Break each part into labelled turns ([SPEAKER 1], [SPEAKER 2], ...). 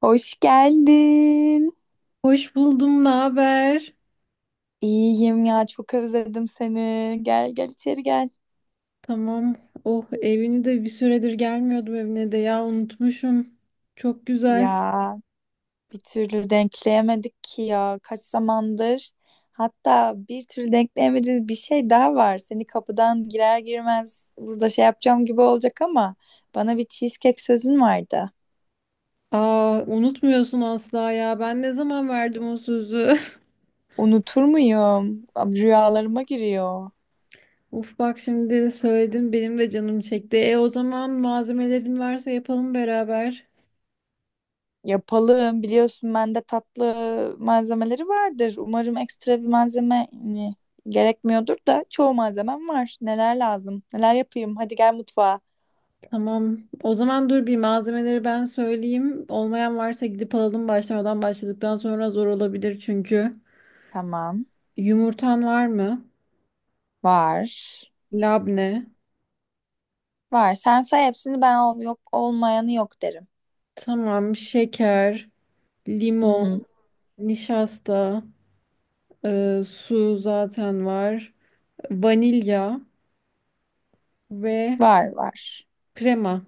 [SPEAKER 1] Hoş geldin.
[SPEAKER 2] Hoş buldum, ne haber?
[SPEAKER 1] İyiyim ya çok özledim seni. Gel gel içeri gel.
[SPEAKER 2] Tamam. Oh, evini de bir süredir gelmiyordum evine de ya unutmuşum. Çok güzel.
[SPEAKER 1] Ya bir türlü denkleyemedik ki ya kaç zamandır. Hatta bir türlü denkleyemediğimiz bir şey daha var. Seni kapıdan girer girmez burada şey yapacağım gibi olacak ama bana bir cheesecake sözün vardı.
[SPEAKER 2] Aa, unutmuyorsun asla ya. Ben ne zaman verdim o sözü?
[SPEAKER 1] Unutur muyum? Abi, rüyalarıma giriyor.
[SPEAKER 2] Uf bak şimdi söyledim benim de canım çekti. E o zaman malzemelerin varsa yapalım beraber.
[SPEAKER 1] Yapalım. Biliyorsun bende tatlı malzemeleri vardır. Umarım ekstra bir malzeme hani, gerekmiyordur da çoğu malzemem var. Neler lazım? Neler yapayım? Hadi gel mutfağa.
[SPEAKER 2] Tamam. O zaman dur bir malzemeleri ben söyleyeyim. Olmayan varsa gidip alalım başladıktan sonra zor olabilir çünkü.
[SPEAKER 1] Tamam.
[SPEAKER 2] Yumurtan var mı?
[SPEAKER 1] Var.
[SPEAKER 2] Labne.
[SPEAKER 1] Var. Sen say hepsini ben ol yok olmayanı yok derim.
[SPEAKER 2] Tamam, şeker,
[SPEAKER 1] Hı
[SPEAKER 2] limon,
[SPEAKER 1] hı.
[SPEAKER 2] nişasta, su zaten var, vanilya ve
[SPEAKER 1] Var var.
[SPEAKER 2] krema.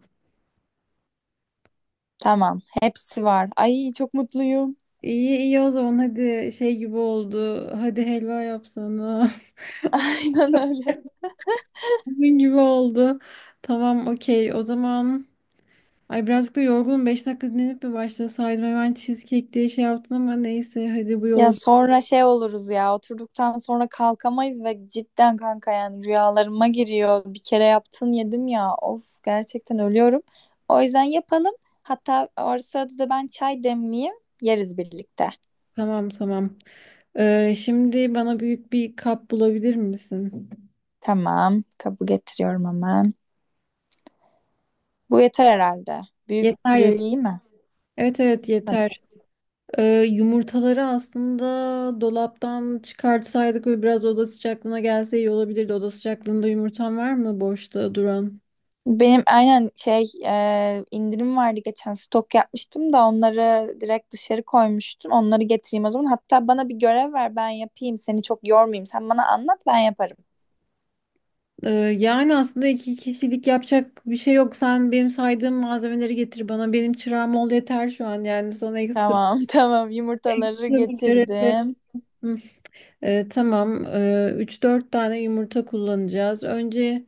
[SPEAKER 1] Tamam. Hepsi var. Ay çok mutluyum.
[SPEAKER 2] İyi iyi o zaman hadi şey gibi oldu. Hadi helva yapsana.
[SPEAKER 1] Aynen öyle.
[SPEAKER 2] Bunun gibi oldu. Tamam, okey o zaman. Ay birazcık da yorgunum. 5 dakika dinlenip mi başlasaydım? Hemen cheesecake diye şey yaptın ama neyse hadi bu
[SPEAKER 1] Ya
[SPEAKER 2] yola.
[SPEAKER 1] sonra şey oluruz ya oturduktan sonra kalkamayız ve cidden kanka yani rüyalarıma giriyor. Bir kere yaptın yedim ya of gerçekten ölüyorum. O yüzden yapalım. Hatta o sırada da ben çay demleyeyim yeriz birlikte.
[SPEAKER 2] Tamam. Şimdi bana büyük bir kap bulabilir misin?
[SPEAKER 1] Tamam kabul getiriyorum hemen. Bu yeter herhalde.
[SPEAKER 2] Yeter
[SPEAKER 1] Büyüklüğü
[SPEAKER 2] yeter.
[SPEAKER 1] iyi mi?
[SPEAKER 2] Evet evet yeter. Ee, Yumurtaları aslında dolaptan çıkartsaydık ve biraz oda sıcaklığına gelse iyi olabilirdi. Oda sıcaklığında yumurtan var mı boşta duran?
[SPEAKER 1] Benim aynen şey indirim vardı geçen stok yapmıştım da onları direkt dışarı koymuştum. Onları getireyim o zaman. Hatta bana bir görev ver ben yapayım. Seni çok yormayayım. Sen bana anlat ben yaparım.
[SPEAKER 2] Ee, Yani aslında iki kişilik yapacak bir şey yok. Sen benim saydığım malzemeleri getir bana. Benim çırağım ol yeter şu an. Yani sana ekstra
[SPEAKER 1] Tamam tamam yumurtaları
[SPEAKER 2] bir görev.
[SPEAKER 1] getirdim.
[SPEAKER 2] Hı. Tamam. 3-4 tane yumurta kullanacağız. Önce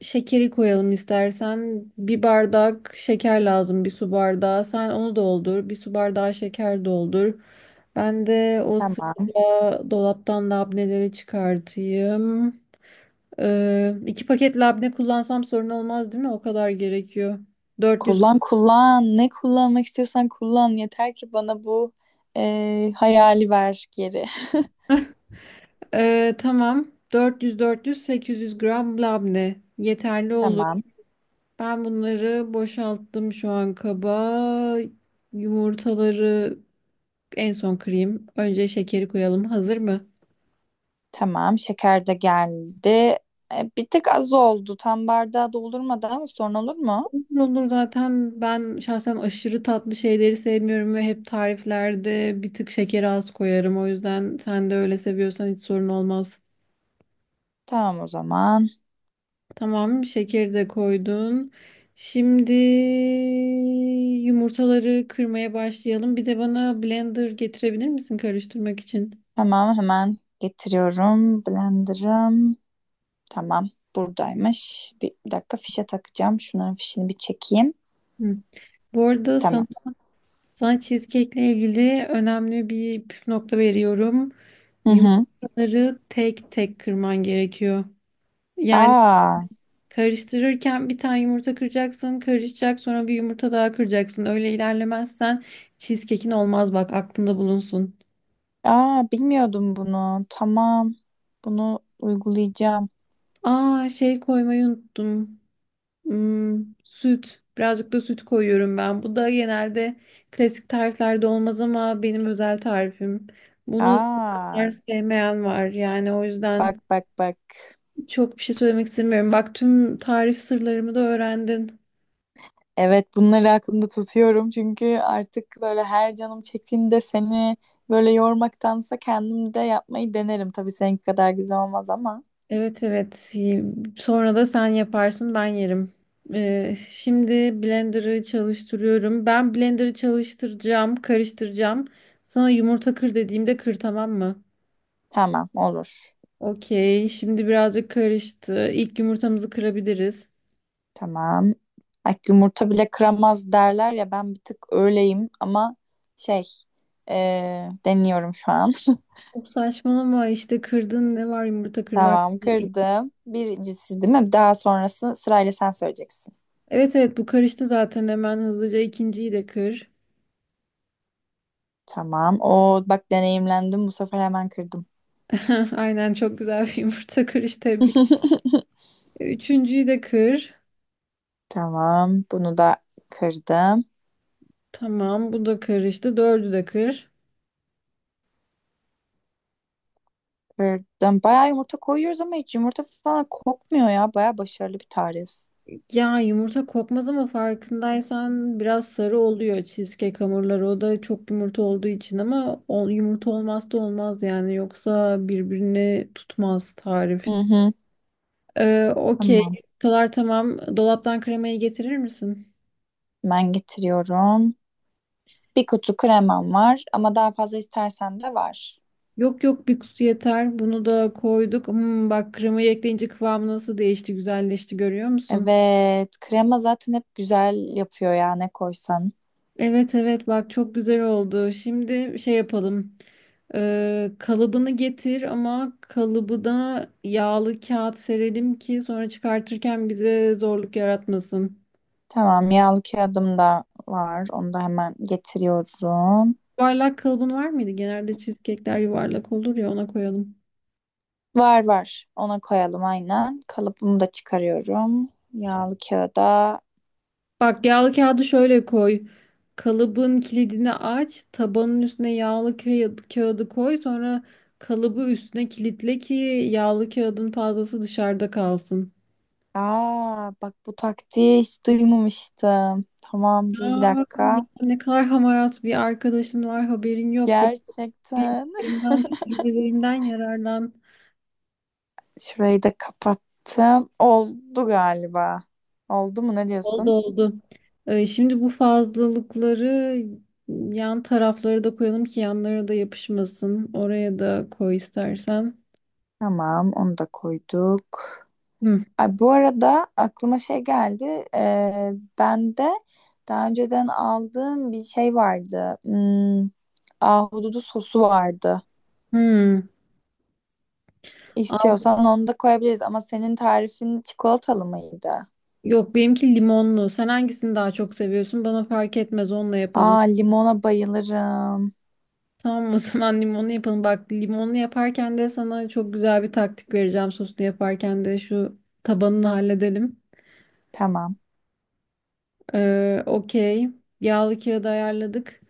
[SPEAKER 2] Şekeri koyalım istersen. Bir bardak şeker lazım, bir su bardağı. Sen onu doldur, bir su bardağı şeker doldur. Ben de o
[SPEAKER 1] Tamam.
[SPEAKER 2] sırada dolaptan labneleri çıkartayım. İki paket labne kullansam sorun olmaz değil mi? O kadar gerekiyor. 400
[SPEAKER 1] Kullan kullan. Ne kullanmak istiyorsan kullan. Yeter ki bana bu hayali ver geri.
[SPEAKER 2] Ee, tamam. 400 800 gram labne yeterli olur.
[SPEAKER 1] Tamam.
[SPEAKER 2] Ben bunları boşalttım şu an kaba. Yumurtaları en son kırayım. Önce şekeri koyalım. Hazır mı?
[SPEAKER 1] Tamam. Şeker de geldi. Bir tık az oldu. Tam bardağı doldurmadı ama sorun olur mu?
[SPEAKER 2] Olur olur, zaten ben şahsen aşırı tatlı şeyleri sevmiyorum ve hep tariflerde bir tık şekeri az koyarım. O yüzden sen de öyle seviyorsan hiç sorun olmaz.
[SPEAKER 1] Tamam o zaman.
[SPEAKER 2] Tamam, şekeri de koydun. Şimdi yumurtaları kırmaya başlayalım. Bir de bana blender getirebilir misin karıştırmak için?
[SPEAKER 1] Tamam hemen getiriyorum. Blender'ım. Tamam. Buradaymış. Bir dakika fişe takacağım. Şunların fişini bir çekeyim.
[SPEAKER 2] Hı. Bu arada
[SPEAKER 1] Tamam.
[SPEAKER 2] sana cheesecake'le ilgili önemli bir püf nokta veriyorum.
[SPEAKER 1] Hı hı.
[SPEAKER 2] Yumurtaları tek tek kırman gerekiyor. Yani
[SPEAKER 1] Aa,
[SPEAKER 2] karıştırırken bir tane yumurta kıracaksın, karışacak, sonra bir yumurta daha kıracaksın. Öyle ilerlemezsen cheesecake'in olmaz, bak aklında bulunsun.
[SPEAKER 1] aa, bilmiyordum bunu. Tamam. Bunu uygulayacağım.
[SPEAKER 2] Aa, şey koymayı unuttum. Hmm, süt. Birazcık da süt koyuyorum ben. Bu da genelde klasik tariflerde olmaz ama benim özel tarifim. Bunu
[SPEAKER 1] Aa,
[SPEAKER 2] sevenler sevmeyen var. Yani o
[SPEAKER 1] bak
[SPEAKER 2] yüzden
[SPEAKER 1] bak bak.
[SPEAKER 2] çok bir şey söylemek istemiyorum. Bak tüm tarif sırlarımı da öğrendin.
[SPEAKER 1] Evet bunları aklımda tutuyorum. Çünkü artık böyle her canım çektiğinde seni böyle yormaktansa kendim de yapmayı denerim. Tabii seninki kadar güzel olmaz ama.
[SPEAKER 2] Evet evet. Sonra da sen yaparsın, ben yerim. Şimdi blender'ı çalıştırıyorum. Ben blender'ı çalıştıracağım, karıştıracağım. Sana yumurta kır dediğimde kır, tamam mı?
[SPEAKER 1] Tamam olur.
[SPEAKER 2] Okey. Şimdi birazcık karıştı. İlk yumurtamızı kırabiliriz.
[SPEAKER 1] Tamam. Ay, yumurta bile kıramaz derler ya ben bir tık öyleyim ama şey deniyorum şu an.
[SPEAKER 2] Çok saçmalama işte, kırdın ne var yumurta kırmak?
[SPEAKER 1] Tamam kırdım. Birincisi değil mi? Daha sonrası sırayla sen söyleyeceksin.
[SPEAKER 2] Evet evet, bu karıştı zaten, hemen hızlıca ikinciyi de kır.
[SPEAKER 1] Tamam. O bak deneyimlendim. Bu sefer hemen kırdım.
[SPEAKER 2] Aynen, çok güzel bir yumurta kırış, tebrik. Üçüncüyü de kır.
[SPEAKER 1] Tamam. Bunu da kırdım.
[SPEAKER 2] Tamam, bu da karıştı. Dördü de kır.
[SPEAKER 1] Kırdım. Bayağı yumurta koyuyoruz ama hiç yumurta falan kokmuyor ya. Bayağı başarılı bir tarif.
[SPEAKER 2] Ya yumurta kokmaz ama farkındaysan biraz sarı oluyor cheesecake hamurları. O da çok yumurta olduğu için ama yumurta olmazsa olmaz yani. Yoksa birbirini tutmaz
[SPEAKER 1] Hı
[SPEAKER 2] tarif.
[SPEAKER 1] hı.
[SPEAKER 2] Okey.
[SPEAKER 1] Tamam.
[SPEAKER 2] Yumurtalar tamam. Dolaptan kremayı getirir misin?
[SPEAKER 1] Ben getiriyorum. Bir kutu kremam var ama daha fazla istersen de var.
[SPEAKER 2] Yok yok, bir kutu yeter. Bunu da koyduk. Hmm, bak kremayı ekleyince kıvamı nasıl değişti, güzelleşti, görüyor musun?
[SPEAKER 1] Evet, krema zaten hep güzel yapıyor ya ne koysan.
[SPEAKER 2] Evet evet, bak çok güzel oldu. Şimdi şey yapalım. Kalıbını getir ama kalıbı da yağlı kağıt serelim ki sonra çıkartırken bize zorluk yaratmasın.
[SPEAKER 1] Tamam, yağlı kağıdım da var. Onu da hemen getiriyorum.
[SPEAKER 2] Yuvarlak kalıbın var mıydı? Genelde cheesecake'ler yuvarlak olur ya, ona koyalım.
[SPEAKER 1] Var var. Ona koyalım aynen. Kalıbımı da çıkarıyorum. Yağlı kağıda.
[SPEAKER 2] Bak yağlı kağıdı şöyle koy. Kalıbın kilidini aç, tabanın üstüne yağlı kağıdı koy, sonra kalıbı üstüne kilitle ki yağlı kağıdın fazlası dışarıda kalsın.
[SPEAKER 1] Aa, bak bu taktiği hiç duymamıştım. Tamam, dur bir
[SPEAKER 2] Ya,
[SPEAKER 1] dakika.
[SPEAKER 2] ne kadar hamarat bir arkadaşın var haberin yok. Benim
[SPEAKER 1] Gerçekten.
[SPEAKER 2] bilgilerimden, tecrübelerimden yararlan.
[SPEAKER 1] Şurayı da kapattım. Oldu galiba. Oldu mu ne
[SPEAKER 2] Oldu
[SPEAKER 1] diyorsun?
[SPEAKER 2] oldu. Şimdi bu fazlalıkları yan tarafları da koyalım ki yanlara da yapışmasın. Oraya da koy istersen.
[SPEAKER 1] Tamam, onu da koyduk.
[SPEAKER 2] Hı.
[SPEAKER 1] Ay, bu arada aklıma şey geldi. Ee, Ben de daha önceden aldığım bir şey vardı. Hmm, ahududu sosu vardı.
[SPEAKER 2] Hı. Aa,
[SPEAKER 1] İstiyorsan onu da koyabiliriz ama senin tarifin çikolatalı mıydı?
[SPEAKER 2] yok benimki limonlu. Sen hangisini daha çok seviyorsun? Bana fark etmez, onunla yapalım.
[SPEAKER 1] Aa, limona bayılırım.
[SPEAKER 2] Tamam, o zaman limonlu yapalım. Bak limonlu yaparken de sana çok güzel bir taktik vereceğim. Soslu yaparken de şu tabanını halledelim.
[SPEAKER 1] Tamam.
[SPEAKER 2] Okey. Yağlı kağıdı ayarladık.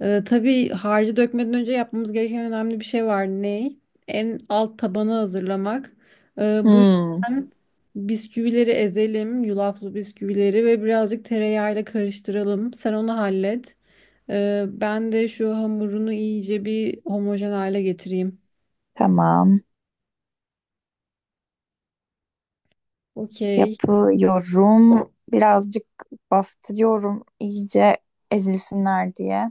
[SPEAKER 2] Tabii harcı dökmeden önce yapmamız gereken önemli bir şey var. Ne? En alt tabanı hazırlamak. Bu
[SPEAKER 1] Hmm,
[SPEAKER 2] yüzden bisküvileri ezelim. Yulaflı bisküvileri ve birazcık tereyağıyla karıştıralım. Sen onu hallet. Ben de şu hamurunu iyice bir homojen hale getireyim.
[SPEAKER 1] tamam.
[SPEAKER 2] Okey.
[SPEAKER 1] Yapıyorum. Birazcık bastırıyorum iyice ezilsinler diye.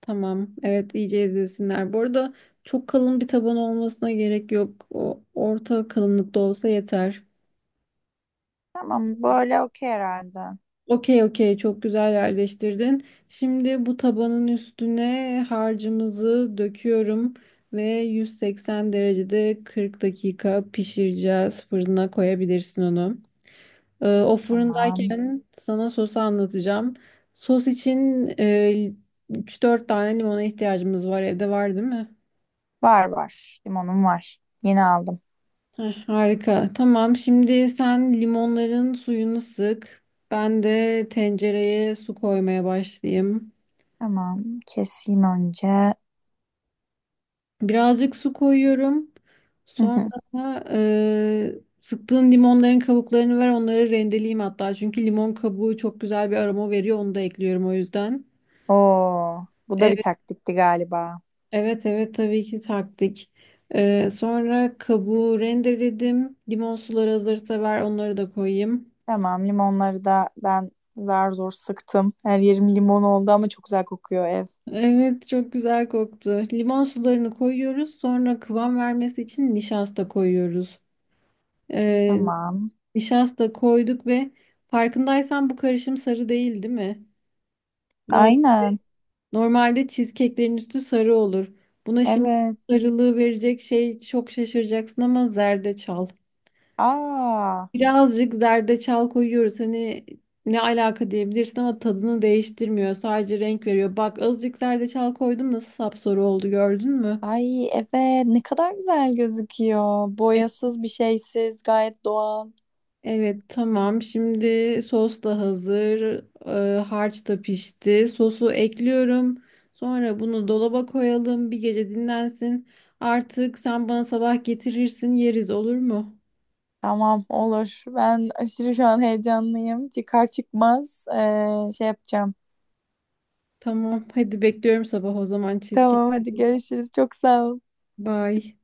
[SPEAKER 2] Tamam. Evet iyice izlesinler. Bu arada çok kalın bir taban olmasına gerek yok. O orta kalınlıkta olsa yeter.
[SPEAKER 1] Tamam, böyle okey herhalde.
[SPEAKER 2] Okey okey, çok güzel yerleştirdin. Şimdi bu tabanın üstüne harcımızı döküyorum ve 180 derecede 40 dakika pişireceğiz. Fırına koyabilirsin onu. O
[SPEAKER 1] Tamam.
[SPEAKER 2] fırındayken sana sosu anlatacağım. Sos için 3-4 tane limona ihtiyacımız var. Evde var değil mi?
[SPEAKER 1] Var var. Limonum var. Yeni aldım.
[SPEAKER 2] Heh, harika. Tamam. Şimdi sen limonların suyunu sık. Ben de tencereye su koymaya başlayayım.
[SPEAKER 1] Tamam. Keseyim önce.
[SPEAKER 2] Birazcık su koyuyorum.
[SPEAKER 1] Hı
[SPEAKER 2] Sonra
[SPEAKER 1] hı.
[SPEAKER 2] e, sıktığın limonların kabuklarını ver. Onları rendeleyeyim hatta. Çünkü limon kabuğu çok güzel bir aroma veriyor. Onu da ekliyorum o yüzden.
[SPEAKER 1] Oo, bu da bir
[SPEAKER 2] Evet,
[SPEAKER 1] taktikti galiba.
[SPEAKER 2] evet tabii ki taktik. E, sonra kabuğu rendeledim. Limon suları hazırsa ver. Onları da koyayım.
[SPEAKER 1] Tamam. Limonları da ben zar zor sıktım. Her yerim limon oldu ama çok güzel kokuyor ev.
[SPEAKER 2] Evet çok güzel koktu. Limon sularını koyuyoruz. Sonra kıvam vermesi için nişasta koyuyoruz. Ee,
[SPEAKER 1] Tamam.
[SPEAKER 2] Nişasta koyduk ve farkındaysan bu karışım sarı değil, değil mi? Norm-
[SPEAKER 1] Aynen.
[SPEAKER 2] Normalde cheesecake'lerin üstü sarı olur. Buna şimdi
[SPEAKER 1] Evet.
[SPEAKER 2] sarılığı verecek şey çok şaşıracaksın ama zerdeçal.
[SPEAKER 1] Aa.
[SPEAKER 2] Birazcık zerdeçal koyuyoruz. Hani ne alaka diyebilirsin ama tadını değiştirmiyor. Sadece renk veriyor. Bak azıcık zerdeçal koydum, nasıl sapsarı oldu gördün mü?
[SPEAKER 1] Ay evet ne kadar güzel gözüküyor. Boyasız bir şeysiz gayet doğal.
[SPEAKER 2] Evet tamam. Şimdi sos da hazır. Harç da pişti. Sosu ekliyorum. Sonra bunu dolaba koyalım. Bir gece dinlensin. Artık sen bana sabah getirirsin, yeriz, olur mu?
[SPEAKER 1] Tamam olur. Ben aşırı şu an heyecanlıyım. Çıkar çıkmaz şey yapacağım.
[SPEAKER 2] Tamam. Hadi bekliyorum sabah o zaman
[SPEAKER 1] Tamam
[SPEAKER 2] cheesecake.
[SPEAKER 1] hadi görüşürüz. Çok sağ ol.
[SPEAKER 2] Bye.